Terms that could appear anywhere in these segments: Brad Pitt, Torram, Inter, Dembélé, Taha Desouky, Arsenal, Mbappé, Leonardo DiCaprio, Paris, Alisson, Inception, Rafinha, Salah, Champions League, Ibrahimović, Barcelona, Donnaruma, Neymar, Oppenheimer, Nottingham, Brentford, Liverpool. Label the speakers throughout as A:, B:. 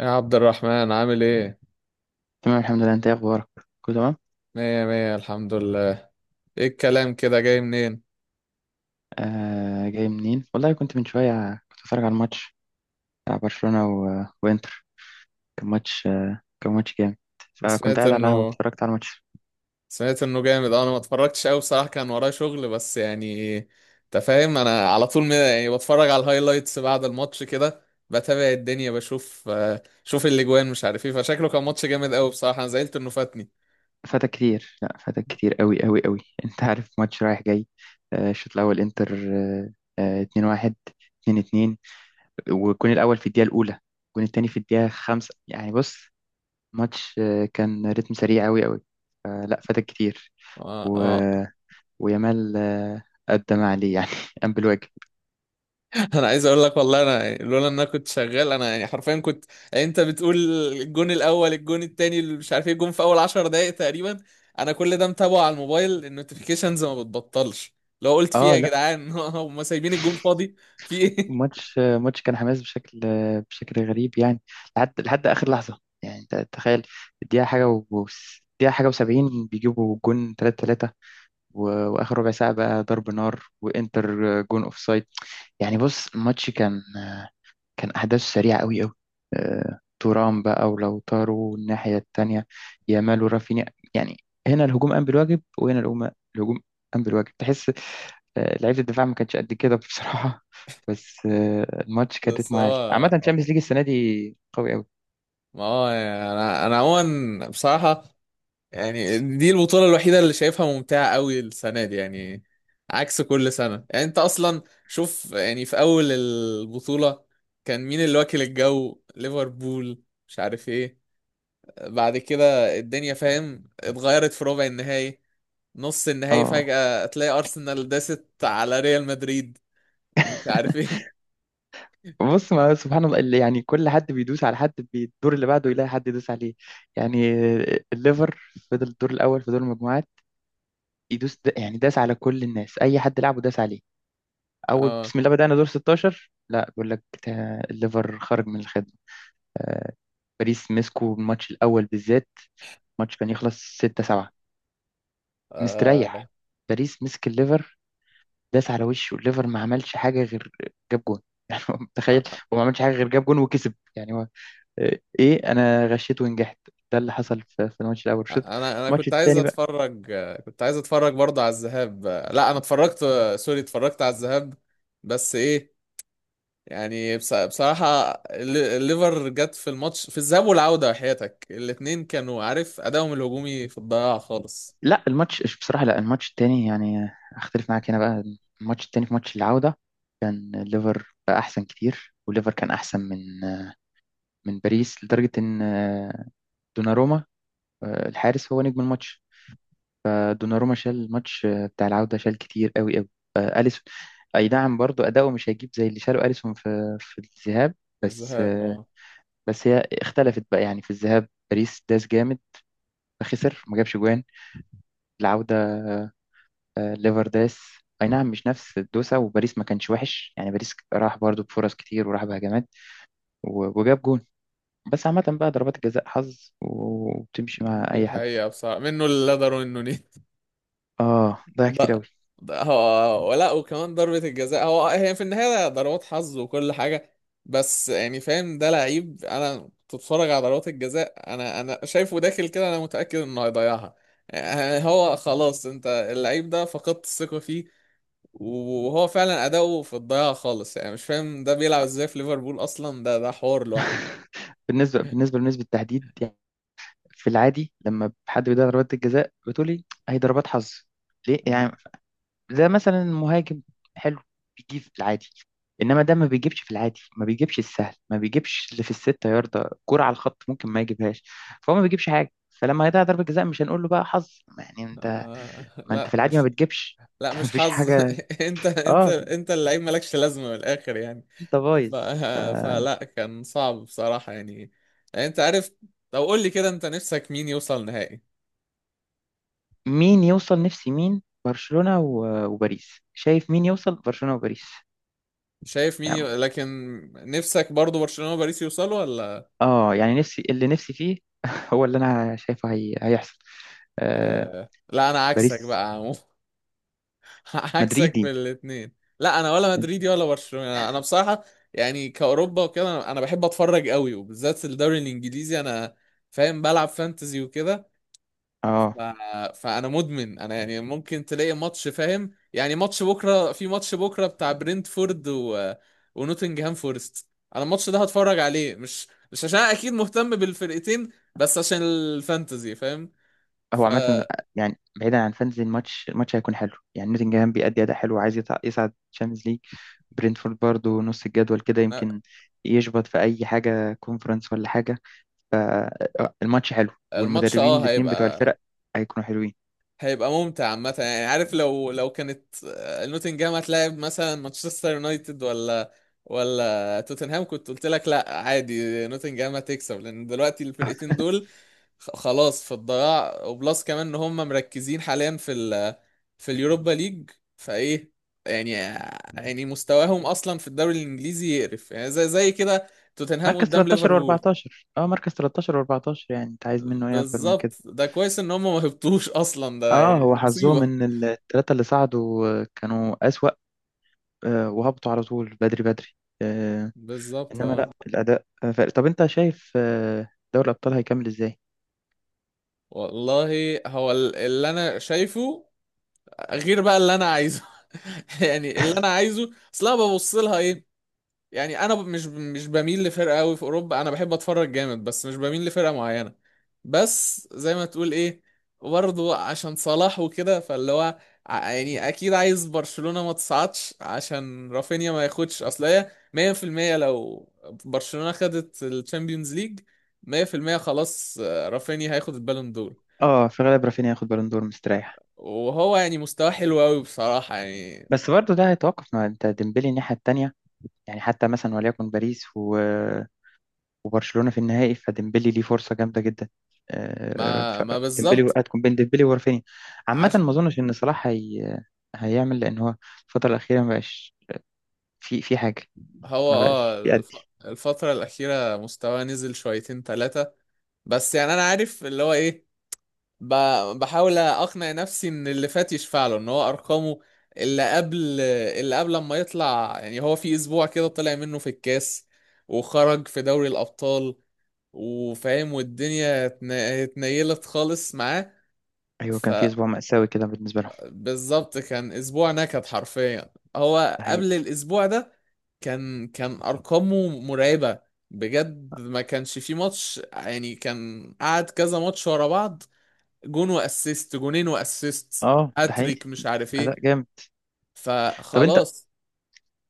A: يا عبد الرحمن عامل ايه؟
B: تمام، الحمد لله. انت ايه اخبارك؟ كله تمام.
A: مية مية الحمد لله. ايه الكلام كده جاي منين؟
B: آه، جاي منين؟ والله كنت من شويه كنت بتفرج على الماتش بتاع برشلونه وانتر. كان ماتش جامد.
A: انا
B: فكنت
A: سمعت
B: قاعد على القهوه،
A: انه
B: اتفرجت على الماتش.
A: سمعت انه جامد آه، انا ما اتفرجتش قوي بصراحة، كان ورايا شغل. بس يعني انت فاهم، انا على طول يعني بتفرج على الهايلايتس بعد الماتش كده، بتابع الدنيا بشوف آه، شوف الاجوان مش عارف ايه. فشكله كان ماتش جامد قوي بصراحة، انا زعلت انه فاتني.
B: فاتك كتير، لا، فاتك كتير قوي قوي قوي. انت عارف ماتش رايح جاي. الشوط الاول انتر، 2-1، 2-2. والجون الاول في الدقيقه الاولى، والجون التاني في الدقيقه خمسة. يعني بص، ماتش، كان رتم سريع قوي قوي. لا، فاتك كتير.
A: آه، آه.
B: ويامال، قدم عليه، يعني قام بالواجب.
A: انا عايز اقول لك والله، انا يعني لولا ان انا كنت شغال، انا يعني حرفيا كنت، يعني انت بتقول الجون الاول الجون التاني اللي مش عارف ايه الجون في اول 10 دقائق تقريبا. انا كل ده متابعه على الموبايل، النوتيفيكيشنز ما بتبطلش. لو قلت فيها
B: اه،
A: يا
B: لا.
A: جدعان هم سايبين الجون فاضي. في ايه؟
B: ماتش كان حماس بشكل غريب، يعني. لحد اخر لحظه، يعني تخيل. الدقيقه حاجه و دقيقه حاجه و70، بيجيبوا جون 3-3. واخر ربع ساعه بقى ضرب نار، وانتر جون اوف سايد. يعني بص، الماتش كان أحداث سريعة أوي أوي. تورام بقى ولوتارو الناحية التانية، يامال ورافينيا، يعني، هنا الهجوم قام بالواجب، وهنا الهجوم قام بالواجب، تحس. لعيبة الدفاع ما كانتش قد كده بصراحة. بس الماتش كان
A: بس
B: رتمه عالي عامة.
A: هو،
B: الشامبيونز ليج السنة دي قوي أوي.
A: ما هو يعني انا عموما بصراحه، يعني دي البطولة الوحيدة اللي شايفها ممتعة قوي السنة دي، يعني عكس كل سنة. يعني انت اصلا شوف، يعني في اول البطولة كان مين اللي واكل الجو؟ ليفربول مش عارف ايه. بعد كده الدنيا فاهم اتغيرت في ربع النهائي، نص النهائي،
B: اه.
A: فجأة تلاقي ارسنال داست على ريال مدريد مش عارف ايه.
B: بص، ما سبحان الله اللي يعني كل حد بيدوس على حد، بالدور اللي بعده يلاقي حد يدوس عليه. يعني الليفر فضل الدور الأول في دور المجموعات يدوس، يعني داس على كل الناس، أي حد لعبه داس عليه. اول بسم الله بدأنا دور 16، لا، بيقول لك الليفر خرج من الخدمة. آه، باريس مسكوا الماتش الأول بالذات. الماتش كان يخلص 6-7
A: اه،
B: مستريح. باريس مسك الليفر، داس على وشه. الليفر ما عملش حاجة غير جاب جون. يعني هو متخيل، هو ما عملش حاجة غير جاب جون وكسب. يعني هو، ايه، انا غشيت ونجحت. ده اللي حصل في الماتش الأول، الشوط.
A: انا
B: الماتش
A: كنت عايز
B: التاني،
A: اتفرج، كنت عايز اتفرج برضه على الذهاب. لا انا اتفرجت، سوري اتفرجت على الذهاب، بس ايه، يعني بصراحة الليفر جت في الماتش في الذهاب والعودة، حياتك الاتنين كانوا عارف ادائهم الهجومي في الضياع خالص.
B: لا، الماتش بصراحة، لا، الماتش التاني يعني اختلف معاك هنا بقى. الماتش التاني في ماتش العودة كان الليفر بقى احسن كتير، والليفر كان احسن من من باريس لدرجة ان دوناروما، الحارس، هو نجم الماتش. دوناروما شال الماتش بتاع العودة، شال كتير قوي قوي. أليسون، اي نعم، برضو اداؤه مش هيجيب زي اللي شاله أليسون في الذهاب. بس
A: الذهاب اه.
B: بس هي اختلفت بقى. يعني في الذهاب باريس داس جامد، فخسر، ما جابش جوان. العودة، ليفرداس، اي نعم، مش نفس الدوسة، وباريس ما كانش وحش. يعني باريس راح برضو بفرص كتير، وراح بهجمات وجاب جون. بس عامة بقى ضربات الجزاء حظ وبتمشي مع
A: دي
B: اي حد.
A: حقيقة بصراحة، منه اللي قدر ومنه.
B: اه، ضيع كتير قوي.
A: بقى، بقى هو ولا، وكمان ضربة الجزاء هو، هي في النهاية ضربات حظ وكل حاجة. بس يعني فاهم، ده لعيب انا بتتفرج على ضربات الجزاء، انا شايفه داخل كده انا متأكد انه هيضيعها. يعني هو خلاص، انت اللعيب ده فقدت الثقة فيه. وهو فعلا اداؤه في الضياع خالص، يعني مش فاهم ده بيلعب ازاي في ليفربول اصلا. ده حوار لوحده.
B: بالنسبة لنسبة التحديد، يعني في العادي لما حد بيضيع ضربات الجزاء بتقولي هي ضربات حظ. ليه يعني؟
A: مم.
B: زي مثلا المهاجم حلو، بيجيب في العادي. انما ده ما بيجيبش في العادي، ما بيجيبش السهل، ما بيجيبش اللي في الستة يارده، كرة على الخط ممكن ما يجيبهاش. فهو ما بيجيبش حاجة، فلما هيضيع ضربة جزاء مش هنقول له بقى حظ. ما يعني انت، ما انت
A: لا
B: في العادي ما
A: مش،
B: بتجيبش،
A: لا
B: انت ما
A: مش
B: فيش
A: حظ.
B: حاجة.
A: انت
B: اه،
A: انت اللعيب مالكش لازمه، من الاخر يعني.
B: انت بايظ.
A: ف... فلا، كان صعب بصراحه يعني، يعني انت عارف. طب قول لي كده، انت نفسك مين يوصل نهائي؟
B: مين يوصل؟ نفسي مين؟ برشلونة وباريس. شايف مين يوصل؟ برشلونة وباريس،
A: شايف مين
B: يعني.
A: لكن نفسك برضو برشلونه وباريس يوصلوا ولا؟
B: اه، يعني نفسي اللي نفسي فيه. هو اللي انا شايفه هيحصل. آه،
A: لا انا عكسك بقى
B: باريس.
A: يا عمو. عكسك في
B: مدريدي.
A: الاثنين. لا انا ولا مدريدي ولا برشلونه، انا بصراحه يعني كاوروبا وكده انا، أنا بحب اتفرج قوي وبالذات الدوري الانجليزي. انا فاهم بلعب فانتزي وكده.
B: اه.
A: ف... فانا مدمن، انا يعني ممكن تلاقي ماتش فاهم، يعني ماتش بكره، في ماتش بكره بتاع برنتفورد ونوتنجهام فورست، انا الماتش ده هتفرج عليه، مش مش عشان أنا اكيد مهتم بالفرقتين، بس عشان الفانتزي فاهم.
B: هو عامة،
A: فانا،
B: يعني بعيدا عن فانتزي، الماتش هيكون حلو. يعني نوتنجهام بيأدي أداء حلو، عايز يصعد تشامبيونز ليج. برينتفورد برضه نص الجدول كده، يمكن يشبط في أي حاجة، كونفرنس ولا حاجة. فالماتش حلو،
A: الماتش
B: والمدربين
A: اه
B: الاتنين بتوع
A: هيبقى،
B: الفرق هيكونوا حلوين.
A: هيبقى ممتع عامة. يعني عارف، لو لو كانت آه، نوتنجهام هتلاعب مثلا مانشستر يونايتد ولا ولا توتنهام، كنت قلت لك لا عادي نوتنجهام هتكسب، لان دلوقتي الفرقتين دول خلاص في الضياع، وبلس كمان ان هم مركزين حاليا في في اليوروبا ليج. فايه يعني، يعني مستواهم اصلا في الدوري الانجليزي يقرف، يعني زي كده، توتنهام
B: مركز
A: قدام
B: 13
A: ليفربول.
B: و14. اه، مركز 13 و14، يعني انت عايز منه ايه اكتر من
A: بالظبط،
B: كده؟
A: ده كويس ان هم ما هبطوش اصلا، ده
B: اه،
A: يعني
B: هو
A: دي
B: حظهم
A: مصيبة.
B: ان الثلاثة اللي صعدوا كانوا أسوأ. وهبطوا على طول بدري بدري.
A: بالظبط
B: انما
A: اه.
B: لا، الاداء فرق. طب انت شايف دوري الابطال هيكمل ازاي؟
A: والله، هو اللي انا شايفه غير بقى اللي انا عايزه. يعني اللي انا عايزه، اصل انا ببص لها إيه، يعني انا مش مش بميل لفرقه قوي في اوروبا، انا بحب اتفرج جامد بس مش بميل لفرقه معينه. بس زي ما تقول ايه، برضه عشان صلاح وكده، فاللي هو يعني اكيد عايز برشلونه ما تصعدش عشان رافينيا ما ياخدش، اصل هي 100%، لو برشلونه خدت الشامبيونز ليج 100% خلاص آه، رافينيا هياخد البالون دور.
B: اه، في غالب رافينيا هياخد بالون دور مستريح.
A: وهو يعني مستواه حلو قوي بصراحه يعني،
B: بس برضه ده هيتوقف مع، انت، ديمبلي الناحيه التانيه. يعني حتى مثلا وليكن باريس وبرشلونه في النهائي، فديمبلي ليه فرصه جامده جدا. آه،
A: ما
B: ف-
A: ما
B: ديمبلي،
A: بالظبط.
B: هتكون بين ديمبلي ورافينيا. عامه، ما اظنش ان صلاح هيعمل، لان هو الفتره الاخيره ما بقاش في حاجه،
A: هو
B: ما بقاش
A: اه
B: بيأدي.
A: الفترة الأخيرة مستواه نزل شويتين تلاتة. بس يعني أنا عارف اللي هو إيه، ب... بحاول أقنع نفسي إن اللي فات يشفع له، إن هو أرقامه اللي قبل اللي قبل ما يطلع، يعني هو في أسبوع كده طلع منه في الكاس وخرج في دوري الأبطال، وفاهم والدنيا اتنيلت خالص معاه.
B: ايوه، كان في
A: فبالظبط،
B: اسبوع مأساوي كده بالنسبه لهم.
A: كان أسبوع نكد حرفيا هو
B: ده حقيقي.
A: قبل الأسبوع ده، كان ارقامه مرعبه، بجد ما كانش في ماتش يعني، كان قعد كذا ماتش ورا بعض، جون واسيست، جونين واسيست،
B: اه، ده حقيقي،
A: هاتريك مش عارف ايه.
B: اداء جامد. طب انت،
A: فخلاص،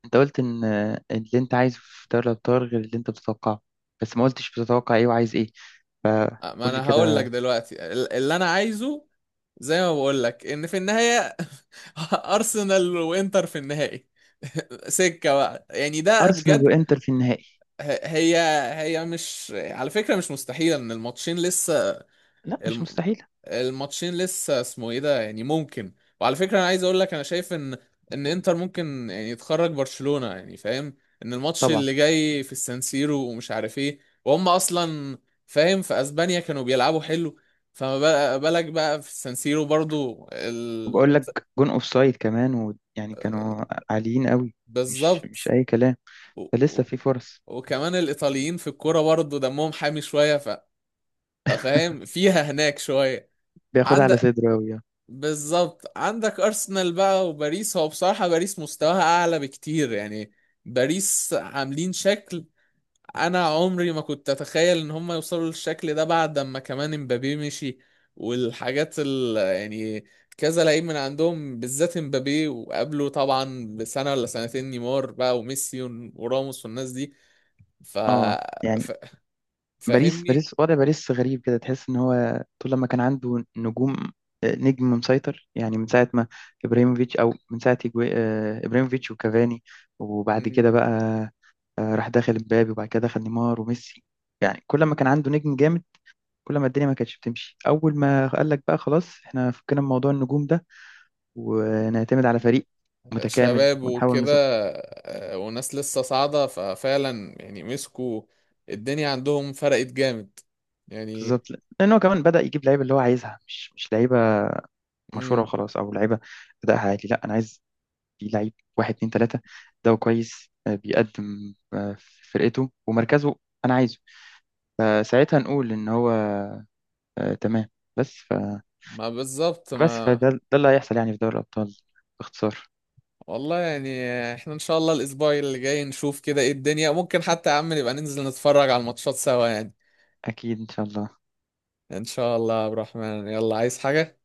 B: انت قلت ان اللي انت عايزه في دوري الابطال غير اللي انت بتتوقعه، بس ما قلتش بتتوقع ايه وعايز ايه.
A: ما
B: فقول لي
A: انا هقول لك
B: كده.
A: دلوقتي اللي انا عايزه، زي ما بقول لك ان في النهايه ارسنال وانتر في النهائي. سكه بقى يعني ده
B: ارسنال
A: بجد،
B: وانتر في النهائي.
A: هي، هي مش على فكره مش مستحيله ان الماتشين لسه،
B: لا، مش
A: الم...
B: مستحيل.
A: الماتشين لسه اسمه ايه ده، يعني ممكن. وعلى فكرة انا عايز اقول لك، انا شايف ان ان انتر ممكن يعني يتخرج برشلونة، يعني فاهم ان الماتش
B: طبعا.
A: اللي جاي في السانسيرو ومش عارف ايه، وهم اصلا فاهم في اسبانيا كانوا بيلعبوا حلو، فما بالك بقى في السانسيرو برضو
B: وبقول لك جون اوف سايد كمان، ويعني كانوا عاليين قوي، مش
A: بالظبط،
B: مش اي كلام.
A: و... و...
B: فلسه في فرص.
A: وكمان الايطاليين في الكوره برضو دمهم حامي شوية، ففاهم فيها هناك شوية.
B: بياخدها على
A: عندك،
B: صدره قوي.
A: بالظبط عندك ارسنال بقى وباريس، هو بصراحة باريس مستواها اعلى بكتير يعني، باريس عاملين شكل انا عمري ما كنت اتخيل ان هم يوصلوا للشكل ده، بعد ما كمان امبابي مشي والحاجات ال يعني كذا لعيب من عندهم، بالذات امبابي وقبله طبعا بسنة ولا سنتين نيمار بقى وميسي وراموس والناس دي، ف...
B: اه،
A: ف...
B: يعني، باريس
A: فاهمني.
B: باريس وضع باريس غريب كده، تحس ان هو طول لما كان عنده نجوم، نجم مسيطر، يعني من ساعة ما ابراهيموفيتش، او من ساعة ابراهيموفيتش وكافاني، وبعد كده بقى راح داخل مبابي، وبعد كده دخل نيمار وميسي. يعني كل ما كان عنده نجم جامد، كل ما الدنيا ما كانتش بتمشي. اول ما قال لك بقى خلاص، احنا فكنا من موضوع النجوم ده، ونعتمد على فريق متكامل
A: شباب
B: ونحاول
A: وكده
B: نظبط.
A: آه، وناس لسه صاعدة، ففعلا يعني مسكوا الدنيا عندهم، فرقت جامد يعني،
B: بالظبط، لان هو كمان بدأ يجيب لعيبه اللي هو عايزها، مش لعيبه مشهوره
A: مم،
B: وخلاص، او لعيبه ادائها عالي. لا، انا عايز في لعيب، واحد اتنين تلاتة، ده كويس، بيقدم في فرقته ومركزه، أنا عايزه. فساعتها نقول إن هو تمام. بس ف
A: ما بالظبط
B: بس
A: ما.
B: فده اللي هيحصل، يعني في دوري الأبطال باختصار.
A: والله يعني، احنا ان شاء الله الاسبوع اللي جاي نشوف كده ايه الدنيا، ممكن حتى يا عم نبقى ننزل نتفرج على الماتشات سوا يعني.
B: أكيد، إن شاء الله.
A: ان شاء الله يا عبد الرحمن، يلا عايز حاجة؟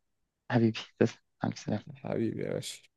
B: حبيبي، تسلم، مع السلامة.
A: حبيبي يا باشا.